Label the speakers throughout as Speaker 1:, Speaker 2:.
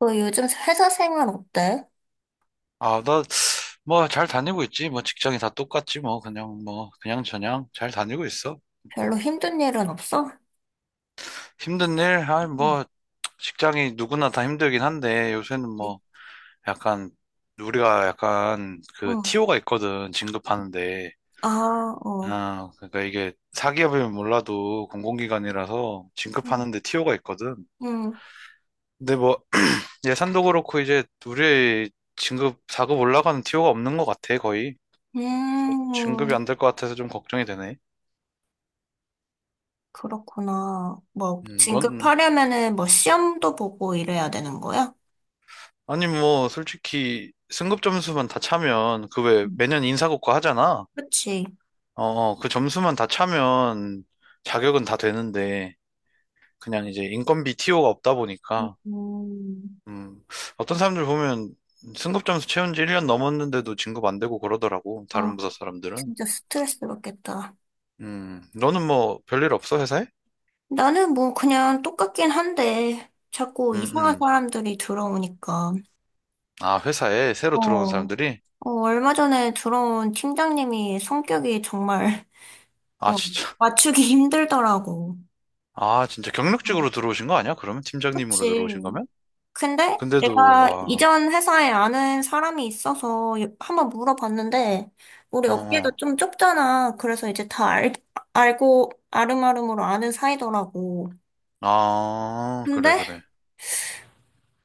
Speaker 1: 너 요즘 회사 생활 어때?
Speaker 2: 아, 나, 뭐, 잘 다니고 있지. 뭐, 직장이 다 똑같지. 뭐, 그냥, 뭐, 그냥 저냥 잘 다니고 있어.
Speaker 1: 별로 힘든 일은 없어?
Speaker 2: 힘든 일? 아,
Speaker 1: 응,
Speaker 2: 뭐, 직장이 누구나 다 힘들긴 한데, 요새는 뭐, 약간, 우리가 약간,
Speaker 1: 응.
Speaker 2: 그, TO가 있거든. 진급하는데.
Speaker 1: 아, 어.
Speaker 2: 아, 그러니까 이게, 사기업이면 몰라도 공공기관이라서
Speaker 1: 음.
Speaker 2: 진급하는데 TO가 있거든.
Speaker 1: 응.
Speaker 2: 근데 뭐, 예산도 그렇고, 이제, 우리 진급, 4급 올라가는 TO가 없는 것 같아, 거의. 그래서 진급이
Speaker 1: 음,
Speaker 2: 안 될 것 같아서 좀 걱정이 되네.
Speaker 1: 그렇구나. 뭐,
Speaker 2: 넌,
Speaker 1: 진급하려면은 뭐 시험도 보고 이래야 되는 거야?
Speaker 2: 아니, 뭐, 솔직히, 승급 점수만 다 차면, 그 왜,
Speaker 1: 응,
Speaker 2: 매년 인사고과 하잖아?
Speaker 1: 그치.
Speaker 2: 어, 어, 그 점수만 다 차면, 자격은 다 되는데, 그냥 이제 인건비 TO가 없다 보니까,
Speaker 1: 음.
Speaker 2: 음, 어떤 사람들 보면, 승급 점수 채운 지 1년 넘었는데도 진급 안 되고 그러더라고,
Speaker 1: 아,
Speaker 2: 다른 부서 사람들은.
Speaker 1: 진짜 스트레스 받겠다.
Speaker 2: 너는 뭐, 별일 없어, 회사에?
Speaker 1: 나는 뭐 그냥 똑같긴 한데, 자꾸
Speaker 2: 음,
Speaker 1: 이상한
Speaker 2: 음.
Speaker 1: 사람들이 들어오니까.
Speaker 2: 아, 회사에 새로 들어온
Speaker 1: 어.
Speaker 2: 사람들이?
Speaker 1: 어, 얼마 전에 들어온 팀장님이 성격이 정말
Speaker 2: 아,
Speaker 1: 어,
Speaker 2: 진짜.
Speaker 1: 맞추기 힘들더라고.
Speaker 2: 아, 진짜
Speaker 1: 어,
Speaker 2: 경력직으로 들어오신 거 아니야? 그러면 팀장님으로
Speaker 1: 그치.
Speaker 2: 들어오신 거면?
Speaker 1: 근데
Speaker 2: 근데도,
Speaker 1: 내가
Speaker 2: 와.
Speaker 1: 이전 회사에 아는 사람이 있어서 한번 물어봤는데, 우리
Speaker 2: 어,
Speaker 1: 업계가
Speaker 2: 어.
Speaker 1: 좀 좁잖아. 그래서 이제 다 알, 알고 아름아름으로 아는 사이더라고.
Speaker 2: 아,
Speaker 1: 근데
Speaker 2: 그래, 그래.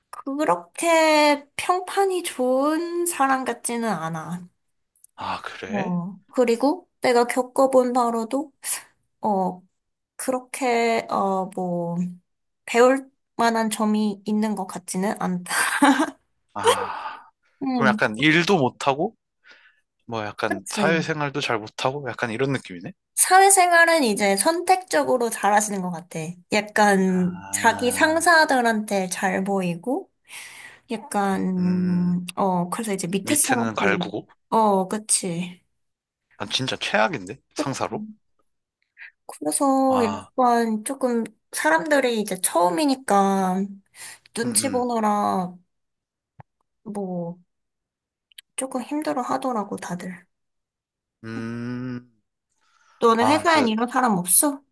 Speaker 1: 그렇게 평판이 좋은 사람 같지는 않아.
Speaker 2: 아, 그래?
Speaker 1: 어, 그리고 내가 겪어본 바로도, 어, 그렇게, 어, 배울 만한 점이 있는 것 같지는 않다.
Speaker 2: 아, 그럼
Speaker 1: 음,
Speaker 2: 약간 일도 못하고, 뭐 약간
Speaker 1: 그치.
Speaker 2: 사회생활도 잘 못하고, 약간 이런 느낌이네?
Speaker 1: 사회생활은 이제 선택적으로 잘하시는 것 같아. 약간 자기
Speaker 2: 아,
Speaker 1: 상사들한테 잘 보이고,
Speaker 2: 음,
Speaker 1: 약간, 어, 그래서 이제 밑에
Speaker 2: 밑에는
Speaker 1: 사람들이,
Speaker 2: 갈구고,
Speaker 1: 어, 그치.
Speaker 2: 난 진짜 최악인데?
Speaker 1: 그치.
Speaker 2: 상사로?
Speaker 1: 그래서
Speaker 2: 아,
Speaker 1: 약간 조금 사람들이 이제 처음이니까 눈치
Speaker 2: 음,
Speaker 1: 보느라 뭐 조금 힘들어 하더라고, 다들.
Speaker 2: 음, 음.
Speaker 1: 너는
Speaker 2: 아,
Speaker 1: 회사엔
Speaker 2: 진짜,
Speaker 1: 이런 사람 없어?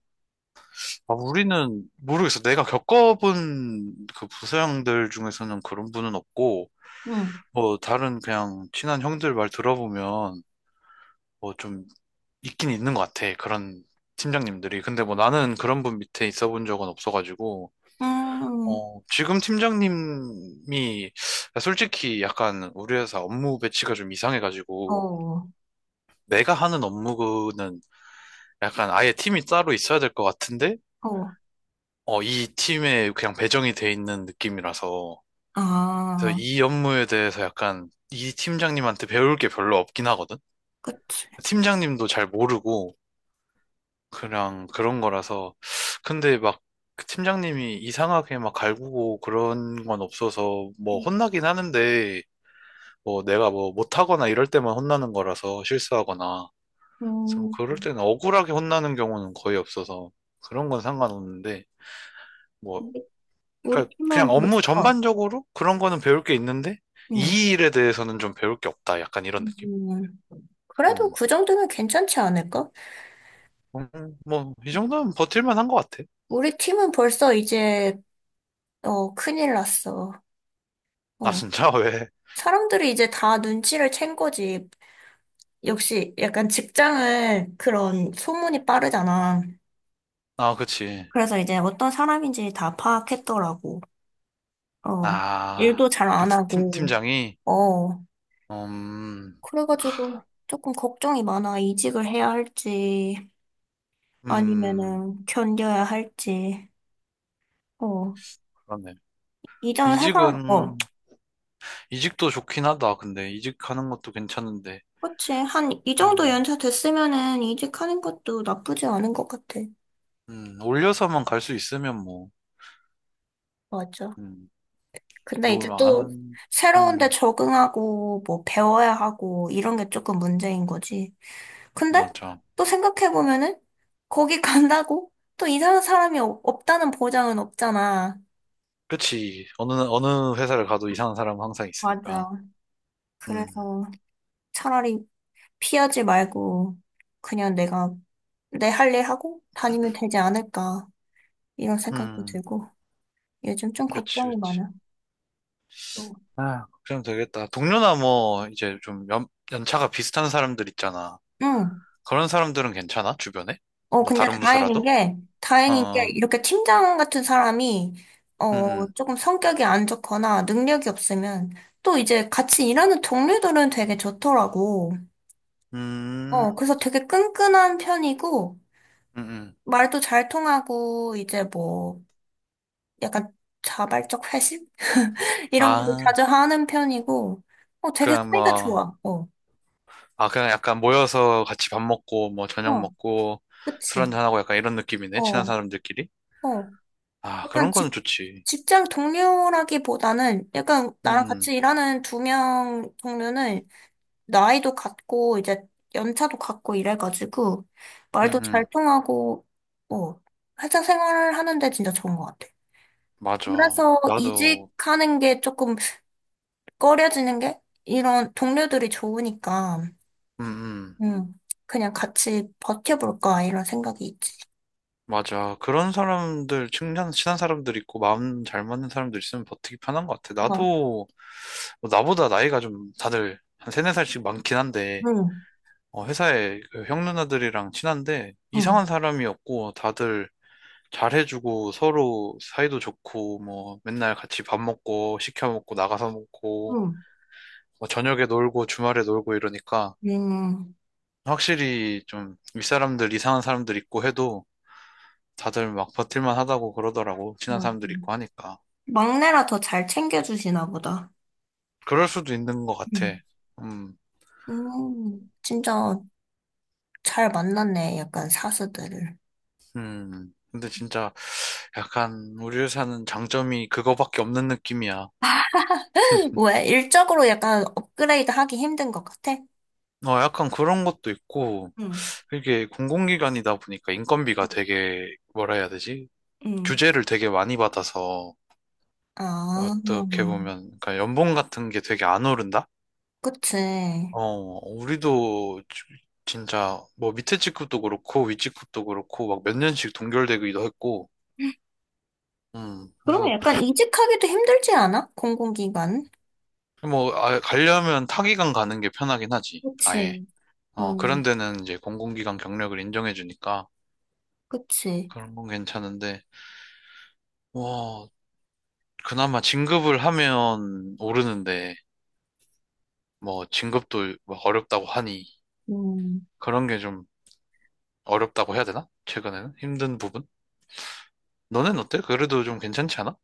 Speaker 2: 아, 우리는 모르겠어. 내가 겪어본 그 부서형들 중에서는 그런 분은 없고,
Speaker 1: 응.
Speaker 2: 뭐, 다른 그냥 친한 형들 말 들어보면, 뭐좀 있긴 있는 것 같아. 그런 팀장님들이. 근데 뭐 나는 그런 분 밑에 있어 본 적은 없어가지고,
Speaker 1: 음,
Speaker 2: 어, 지금 팀장님이 솔직히 약간 우리 회사 업무 배치가 좀 이상해가지고,
Speaker 1: 어,
Speaker 2: 내가 하는 업무는 약간 아예 팀이 따로 있어야 될 것 같은데,
Speaker 1: 어.
Speaker 2: 어, 이 팀에 그냥 배정이 돼 있는 느낌이라서, 그래서
Speaker 1: 아,
Speaker 2: 이 업무에 대해서 약간 이 팀장님한테 배울 게 별로 없긴 하거든?
Speaker 1: 그치.
Speaker 2: 팀장님도 잘 모르고, 그냥 그런 거라서. 근데 막 팀장님이 이상하게 막 갈구고 그런 건 없어서 뭐 혼나긴 하는데 뭐 내가 뭐 못하거나 이럴 때만 혼나는 거라서 실수하거나. 그래서 뭐
Speaker 1: 음,
Speaker 2: 그럴 때는 억울하게 혼나는 경우는 거의 없어서 그런 건 상관없는데 뭐
Speaker 1: 우리
Speaker 2: 그러니까 그냥
Speaker 1: 팀은
Speaker 2: 업무
Speaker 1: 벌써,
Speaker 2: 전반적으로 그런 거는 배울 게 있는데
Speaker 1: 응.
Speaker 2: 이 일에 대해서는 좀 배울 게 없다. 약간 이런 느낌?
Speaker 1: 음, 그래도
Speaker 2: 음.
Speaker 1: 그 정도면 괜찮지 않을까?
Speaker 2: 뭐, 이 정도면 버틸만 한 것 같아.
Speaker 1: 우리 팀은 벌써 이제, 어, 큰일 났어.
Speaker 2: 아,
Speaker 1: 어,
Speaker 2: 진짜? 왜?
Speaker 1: 사람들이 이제 다 눈치를 챈 거지. 역시 약간 직장은 그런 소문이 빠르잖아.
Speaker 2: 아, 그치.
Speaker 1: 그래서 이제 어떤 사람인지 다 파악했더라고. 어, 일도
Speaker 2: 아,
Speaker 1: 잘
Speaker 2: 그
Speaker 1: 안
Speaker 2: 팀,
Speaker 1: 하고.
Speaker 2: 팀장이,
Speaker 1: 어,
Speaker 2: 음,
Speaker 1: 그래가지고 조금 걱정이 많아. 이직을 해야 할지.
Speaker 2: 음,
Speaker 1: 아니면은 견뎌야 할지. 어.
Speaker 2: 그러네.
Speaker 1: 이전 회사,
Speaker 2: 이직은,
Speaker 1: 어.
Speaker 2: 이직도 좋긴 하다. 근데 이직하는 것도 괜찮은데,
Speaker 1: 그치. 한, 이 정도
Speaker 2: 음,
Speaker 1: 연차 됐으면은 이직하는 것도 나쁘지 않은 것 같아.
Speaker 2: 올려서만 갈 수 있으면 뭐,
Speaker 1: 맞아.
Speaker 2: 음,
Speaker 1: 근데 이제
Speaker 2: 놀
Speaker 1: 또
Speaker 2: 아는,
Speaker 1: 새로운 데
Speaker 2: 음,
Speaker 1: 적응하고 뭐 배워야 하고 이런 게 조금 문제인 거지. 근데
Speaker 2: 맞아.
Speaker 1: 또 생각해보면은 거기 간다고 또 이상한 사람이 없다는 보장은 없잖아.
Speaker 2: 그치. 어느 회사를 가도 이상한 사람은 항상 있으니까.
Speaker 1: 맞아.
Speaker 2: 음,
Speaker 1: 그래서 차라리 피하지 말고 그냥 내가 내 할 일 하고 다니면 되지 않을까 이런 생각도
Speaker 2: 음,
Speaker 1: 들고 요즘 좀
Speaker 2: 그치,
Speaker 1: 걱정이
Speaker 2: 그치.
Speaker 1: 많아. 어.
Speaker 2: 아, 걱정되겠다. 동료나 뭐, 이제 좀 연차가 비슷한 사람들 있잖아.
Speaker 1: 응.
Speaker 2: 그런 사람들은 괜찮아? 주변에?
Speaker 1: 어
Speaker 2: 뭐
Speaker 1: 근데
Speaker 2: 다른 부서라도? 어,
Speaker 1: 다행인 게
Speaker 2: 어.
Speaker 1: 이렇게 팀장 같은 사람이 어
Speaker 2: 음,
Speaker 1: 조금 성격이 안 좋거나 능력이 없으면 또 이제 같이 일하는 동료들은 되게 좋더라고.
Speaker 2: 음,
Speaker 1: 어
Speaker 2: 음,
Speaker 1: 그래서 되게 끈끈한 편이고
Speaker 2: 음, 음.
Speaker 1: 말도 잘 통하고 이제 뭐 약간 자발적 회식 이런 것도
Speaker 2: 아,
Speaker 1: 자주 하는 편이고 어 되게
Speaker 2: 그냥
Speaker 1: 사이가
Speaker 2: 뭐,
Speaker 1: 좋아. 어.
Speaker 2: 아, 그냥 약간 모여서 같이 밥 먹고, 뭐, 저녁
Speaker 1: 어.
Speaker 2: 먹고, 술
Speaker 1: 그치?
Speaker 2: 한잔하고 약간 이런 느낌이네, 친한
Speaker 1: 어,
Speaker 2: 사람들끼리.
Speaker 1: 어.
Speaker 2: 아,
Speaker 1: 약간
Speaker 2: 그런 거는 좋지.
Speaker 1: 직장 동료라기보다는 약간 나랑
Speaker 2: 음,
Speaker 1: 같이 일하는 두 명 동료는 나이도 같고 이제 연차도 같고 이래가지고
Speaker 2: 음,
Speaker 1: 말도
Speaker 2: 음,
Speaker 1: 잘
Speaker 2: 음.
Speaker 1: 통하고 어, 회사 생활을 하는데 진짜 좋은 것 같아.
Speaker 2: 맞아.
Speaker 1: 그래서
Speaker 2: 나도,
Speaker 1: 이직하는 게 조금 꺼려지는 게 이런 동료들이 좋으니까
Speaker 2: 음, 음.
Speaker 1: 음, 그냥 같이 버텨볼까 이런 생각이 있지.
Speaker 2: 맞아. 그런 사람들, 친한, 친한 사람들 있고, 마음 잘 맞는 사람들 있으면 버티기 편한 것 같아.
Speaker 1: 응
Speaker 2: 나도, 뭐 나보다 나이가 좀 다들 한 세네 살씩 많긴 한데,
Speaker 1: 응
Speaker 2: 어, 회사에 그형 누나들이랑 친한데 이상한
Speaker 1: 응
Speaker 2: 사람이었고 다들 잘해주고 서로 사이도 좋고 뭐 맨날 같이 밥 먹고 시켜 먹고 나가서
Speaker 1: 응
Speaker 2: 먹고 뭐 저녁에 놀고 주말에 놀고 이러니까
Speaker 1: 응응
Speaker 2: 확실히 좀 윗사람들 이상한 사람들 있고 해도 다들 막 버틸만 하다고 그러더라고 친한 사람들
Speaker 1: 응.
Speaker 2: 있고 하니까.
Speaker 1: 막내라 더 잘 챙겨주시나 보다.
Speaker 2: 그럴 수도 있는 것 같아.
Speaker 1: 음.
Speaker 2: 음.
Speaker 1: 진짜 잘 만났네, 약간 사수들을.
Speaker 2: 음. 근데 진짜 약간 우리 회사는 장점이 그거밖에 없는 느낌이야.
Speaker 1: 왜? 일적으로 약간 업그레이드 하기 힘든 것 같아?
Speaker 2: 어, 약간 그런 것도 있고,
Speaker 1: 응,
Speaker 2: 이게 공공기관이다 보니까 인건비가 되게, 뭐라 해야 되지?
Speaker 1: 응.
Speaker 2: 규제를 되게 많이 받아서,
Speaker 1: 아,
Speaker 2: 어떻게 보면, 그러니까 연봉 같은 게 되게 안 오른다?
Speaker 1: 그치.
Speaker 2: 어, 우리도 진짜, 뭐 밑에 직급도 그렇고, 위 직급도 그렇고, 막 몇 년씩 동결되기도 했고,
Speaker 1: 그러면
Speaker 2: 그래서,
Speaker 1: 약간 이직하기도 힘들지 않아? 공공기관?
Speaker 2: 뭐, 아, 가려면 타기관 가는 게 편하긴 하지, 아예.
Speaker 1: 그치. 어,
Speaker 2: 어, 그런 데는 이제 공공기관 경력을 인정해주니까,
Speaker 1: 그치.
Speaker 2: 그런 건 괜찮은데, 와, 그나마 진급을 하면 오르는데, 뭐, 진급도 막 어렵다고 하니,
Speaker 1: 음.
Speaker 2: 그런 게 좀 어렵다고 해야 되나? 최근에는? 힘든 부분? 너는 어때? 그래도 좀 괜찮지 않아?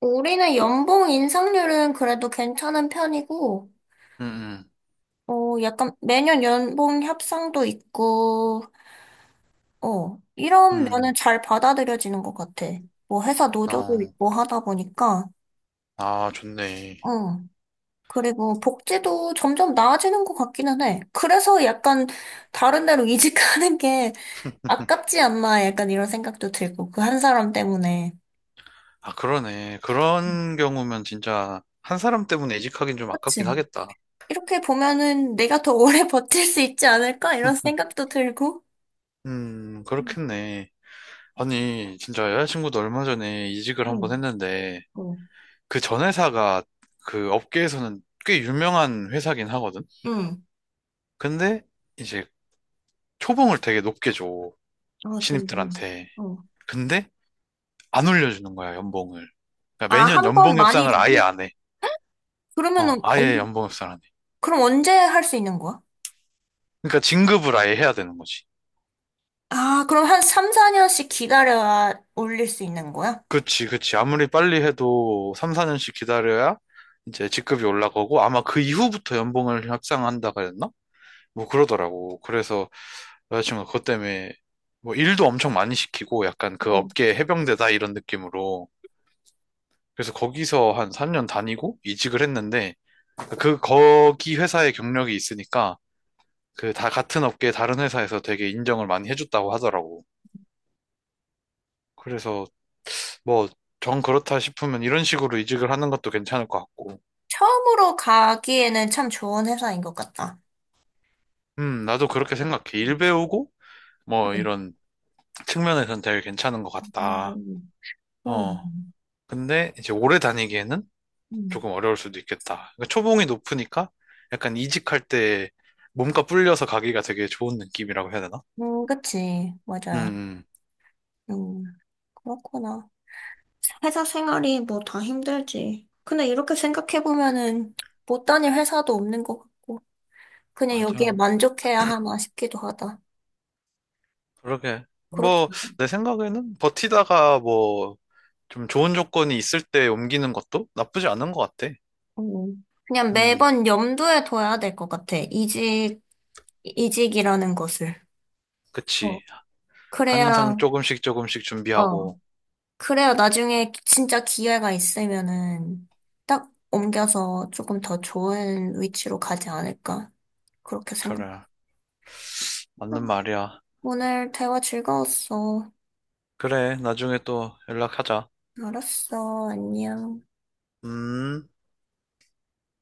Speaker 1: 우리는 연봉 인상률은 그래도 괜찮은 편이고,
Speaker 2: 응, 응,
Speaker 1: 어, 약간 매년 연봉 협상도 있고, 어, 이런
Speaker 2: 응,
Speaker 1: 면은 잘 받아들여지는 것 같아. 뭐 회사 노조도
Speaker 2: 어,
Speaker 1: 있고 하다 보니까,
Speaker 2: 아, 좋네.
Speaker 1: 어. 그리고 복지도 점점 나아지는 것 같기는 해. 그래서 약간 다른 데로 이직하는 게 아깝지 않나 약간 이런 생각도 들고, 그 한 사람 때문에.
Speaker 2: 아, 그러네.
Speaker 1: 음,
Speaker 2: 그런 경우면 진짜 한 사람 때문에 이직하긴 좀 아깝긴
Speaker 1: 그치?
Speaker 2: 하겠다.
Speaker 1: 이렇게 보면은 내가 더 오래 버틸 수 있지 않을까? 이런 생각도 들고. 응,
Speaker 2: 그렇겠네. 아니, 진짜 여자친구도 얼마 전에 이직을 한번
Speaker 1: 응,
Speaker 2: 했는데,
Speaker 1: 어,
Speaker 2: 그 전 회사가 그 업계에서는 꽤 유명한 회사긴 하거든?
Speaker 1: 응.
Speaker 2: 근데 이제 초봉을 되게 높게 줘.
Speaker 1: 아, 좋네.
Speaker 2: 신입들한테.
Speaker 1: 어.
Speaker 2: 근데 안 올려주는 거야, 연봉을.
Speaker 1: 아,
Speaker 2: 그러니까 매년
Speaker 1: 한 번
Speaker 2: 연봉
Speaker 1: 많이
Speaker 2: 협상을 아예
Speaker 1: 주고?
Speaker 2: 안 해. 어,
Speaker 1: 그러면은
Speaker 2: 아예 연봉 협상을 안 해.
Speaker 1: 그럼 언제 할 수 있는 거야?
Speaker 2: 그러니까 진급을 아예 해야 되는 거지.
Speaker 1: 아, 그럼 한 3, 4년씩 기다려야 올릴 수 있는 거야?
Speaker 2: 그치, 그치. 아무리 빨리 해도 3, 4년씩 기다려야 이제 직급이 올라가고 아마 그 이후부터 연봉을 협상한다고 했나? 뭐 그러더라고. 그래서 여자친구가 그것 때문에 뭐 일도 엄청 많이 시키고 약간 그
Speaker 1: 어.
Speaker 2: 업계 해병대다 이런 느낌으로 그래서 거기서 한 3년 다니고 이직을 했는데 그 거기 회사에 경력이 있으니까 그 다 같은 업계 다른 회사에서 되게 인정을 많이 해줬다고 하더라고. 그래서 뭐 정 그렇다 싶으면 이런 식으로 이직을 하는 것도 괜찮을 것 같고.
Speaker 1: 처음으로 가기에는 참 좋은 회사인 것 같다.
Speaker 2: 나도 그렇게 생각해. 일 배우고 뭐
Speaker 1: 응
Speaker 2: 이런 측면에서는 되게 괜찮은 것 같다.
Speaker 1: 음,
Speaker 2: 어.
Speaker 1: 그럼.
Speaker 2: 근데 이제 오래 다니기에는
Speaker 1: 음.
Speaker 2: 조금 어려울 수도 있겠다. 그러니까 초봉이 높으니까 약간 이직할 때 몸값 불려서 가기가 되게 좋은 느낌이라고 해야 되나?
Speaker 1: 그치.
Speaker 2: 음,
Speaker 1: 맞아.
Speaker 2: 음.
Speaker 1: 음, 그렇구나. 회사 생활이 뭐 다 힘들지. 근데 이렇게 생각해보면은 못 다닐 회사도 없는 것 같고, 그냥 여기에
Speaker 2: 맞아.
Speaker 1: 만족해야 하나 싶기도 하다.
Speaker 2: 그러게.
Speaker 1: 그렇지.
Speaker 2: 뭐, 내 생각에는 버티다가 뭐, 좀 좋은 조건이 있을 때 옮기는 것도 나쁘지 않은 것 같아.
Speaker 1: 음. 그냥
Speaker 2: 음,
Speaker 1: 매번 염두에 둬야 될 것 같아. 이직이라는 것을. 어,
Speaker 2: 그치.
Speaker 1: 그래야,
Speaker 2: 항상 조금씩 조금씩
Speaker 1: 어,
Speaker 2: 준비하고.
Speaker 1: 그래야 나중에 진짜 기회가 있으면은 딱 옮겨서 조금 더 좋은 위치로 가지 않을까. 그렇게 생각.
Speaker 2: 그래.
Speaker 1: 아,
Speaker 2: 맞는 말이야.
Speaker 1: 오늘 대화 즐거웠어.
Speaker 2: 그래. 나중에 또 연락하자.
Speaker 1: 알았어. 안녕.
Speaker 2: 음.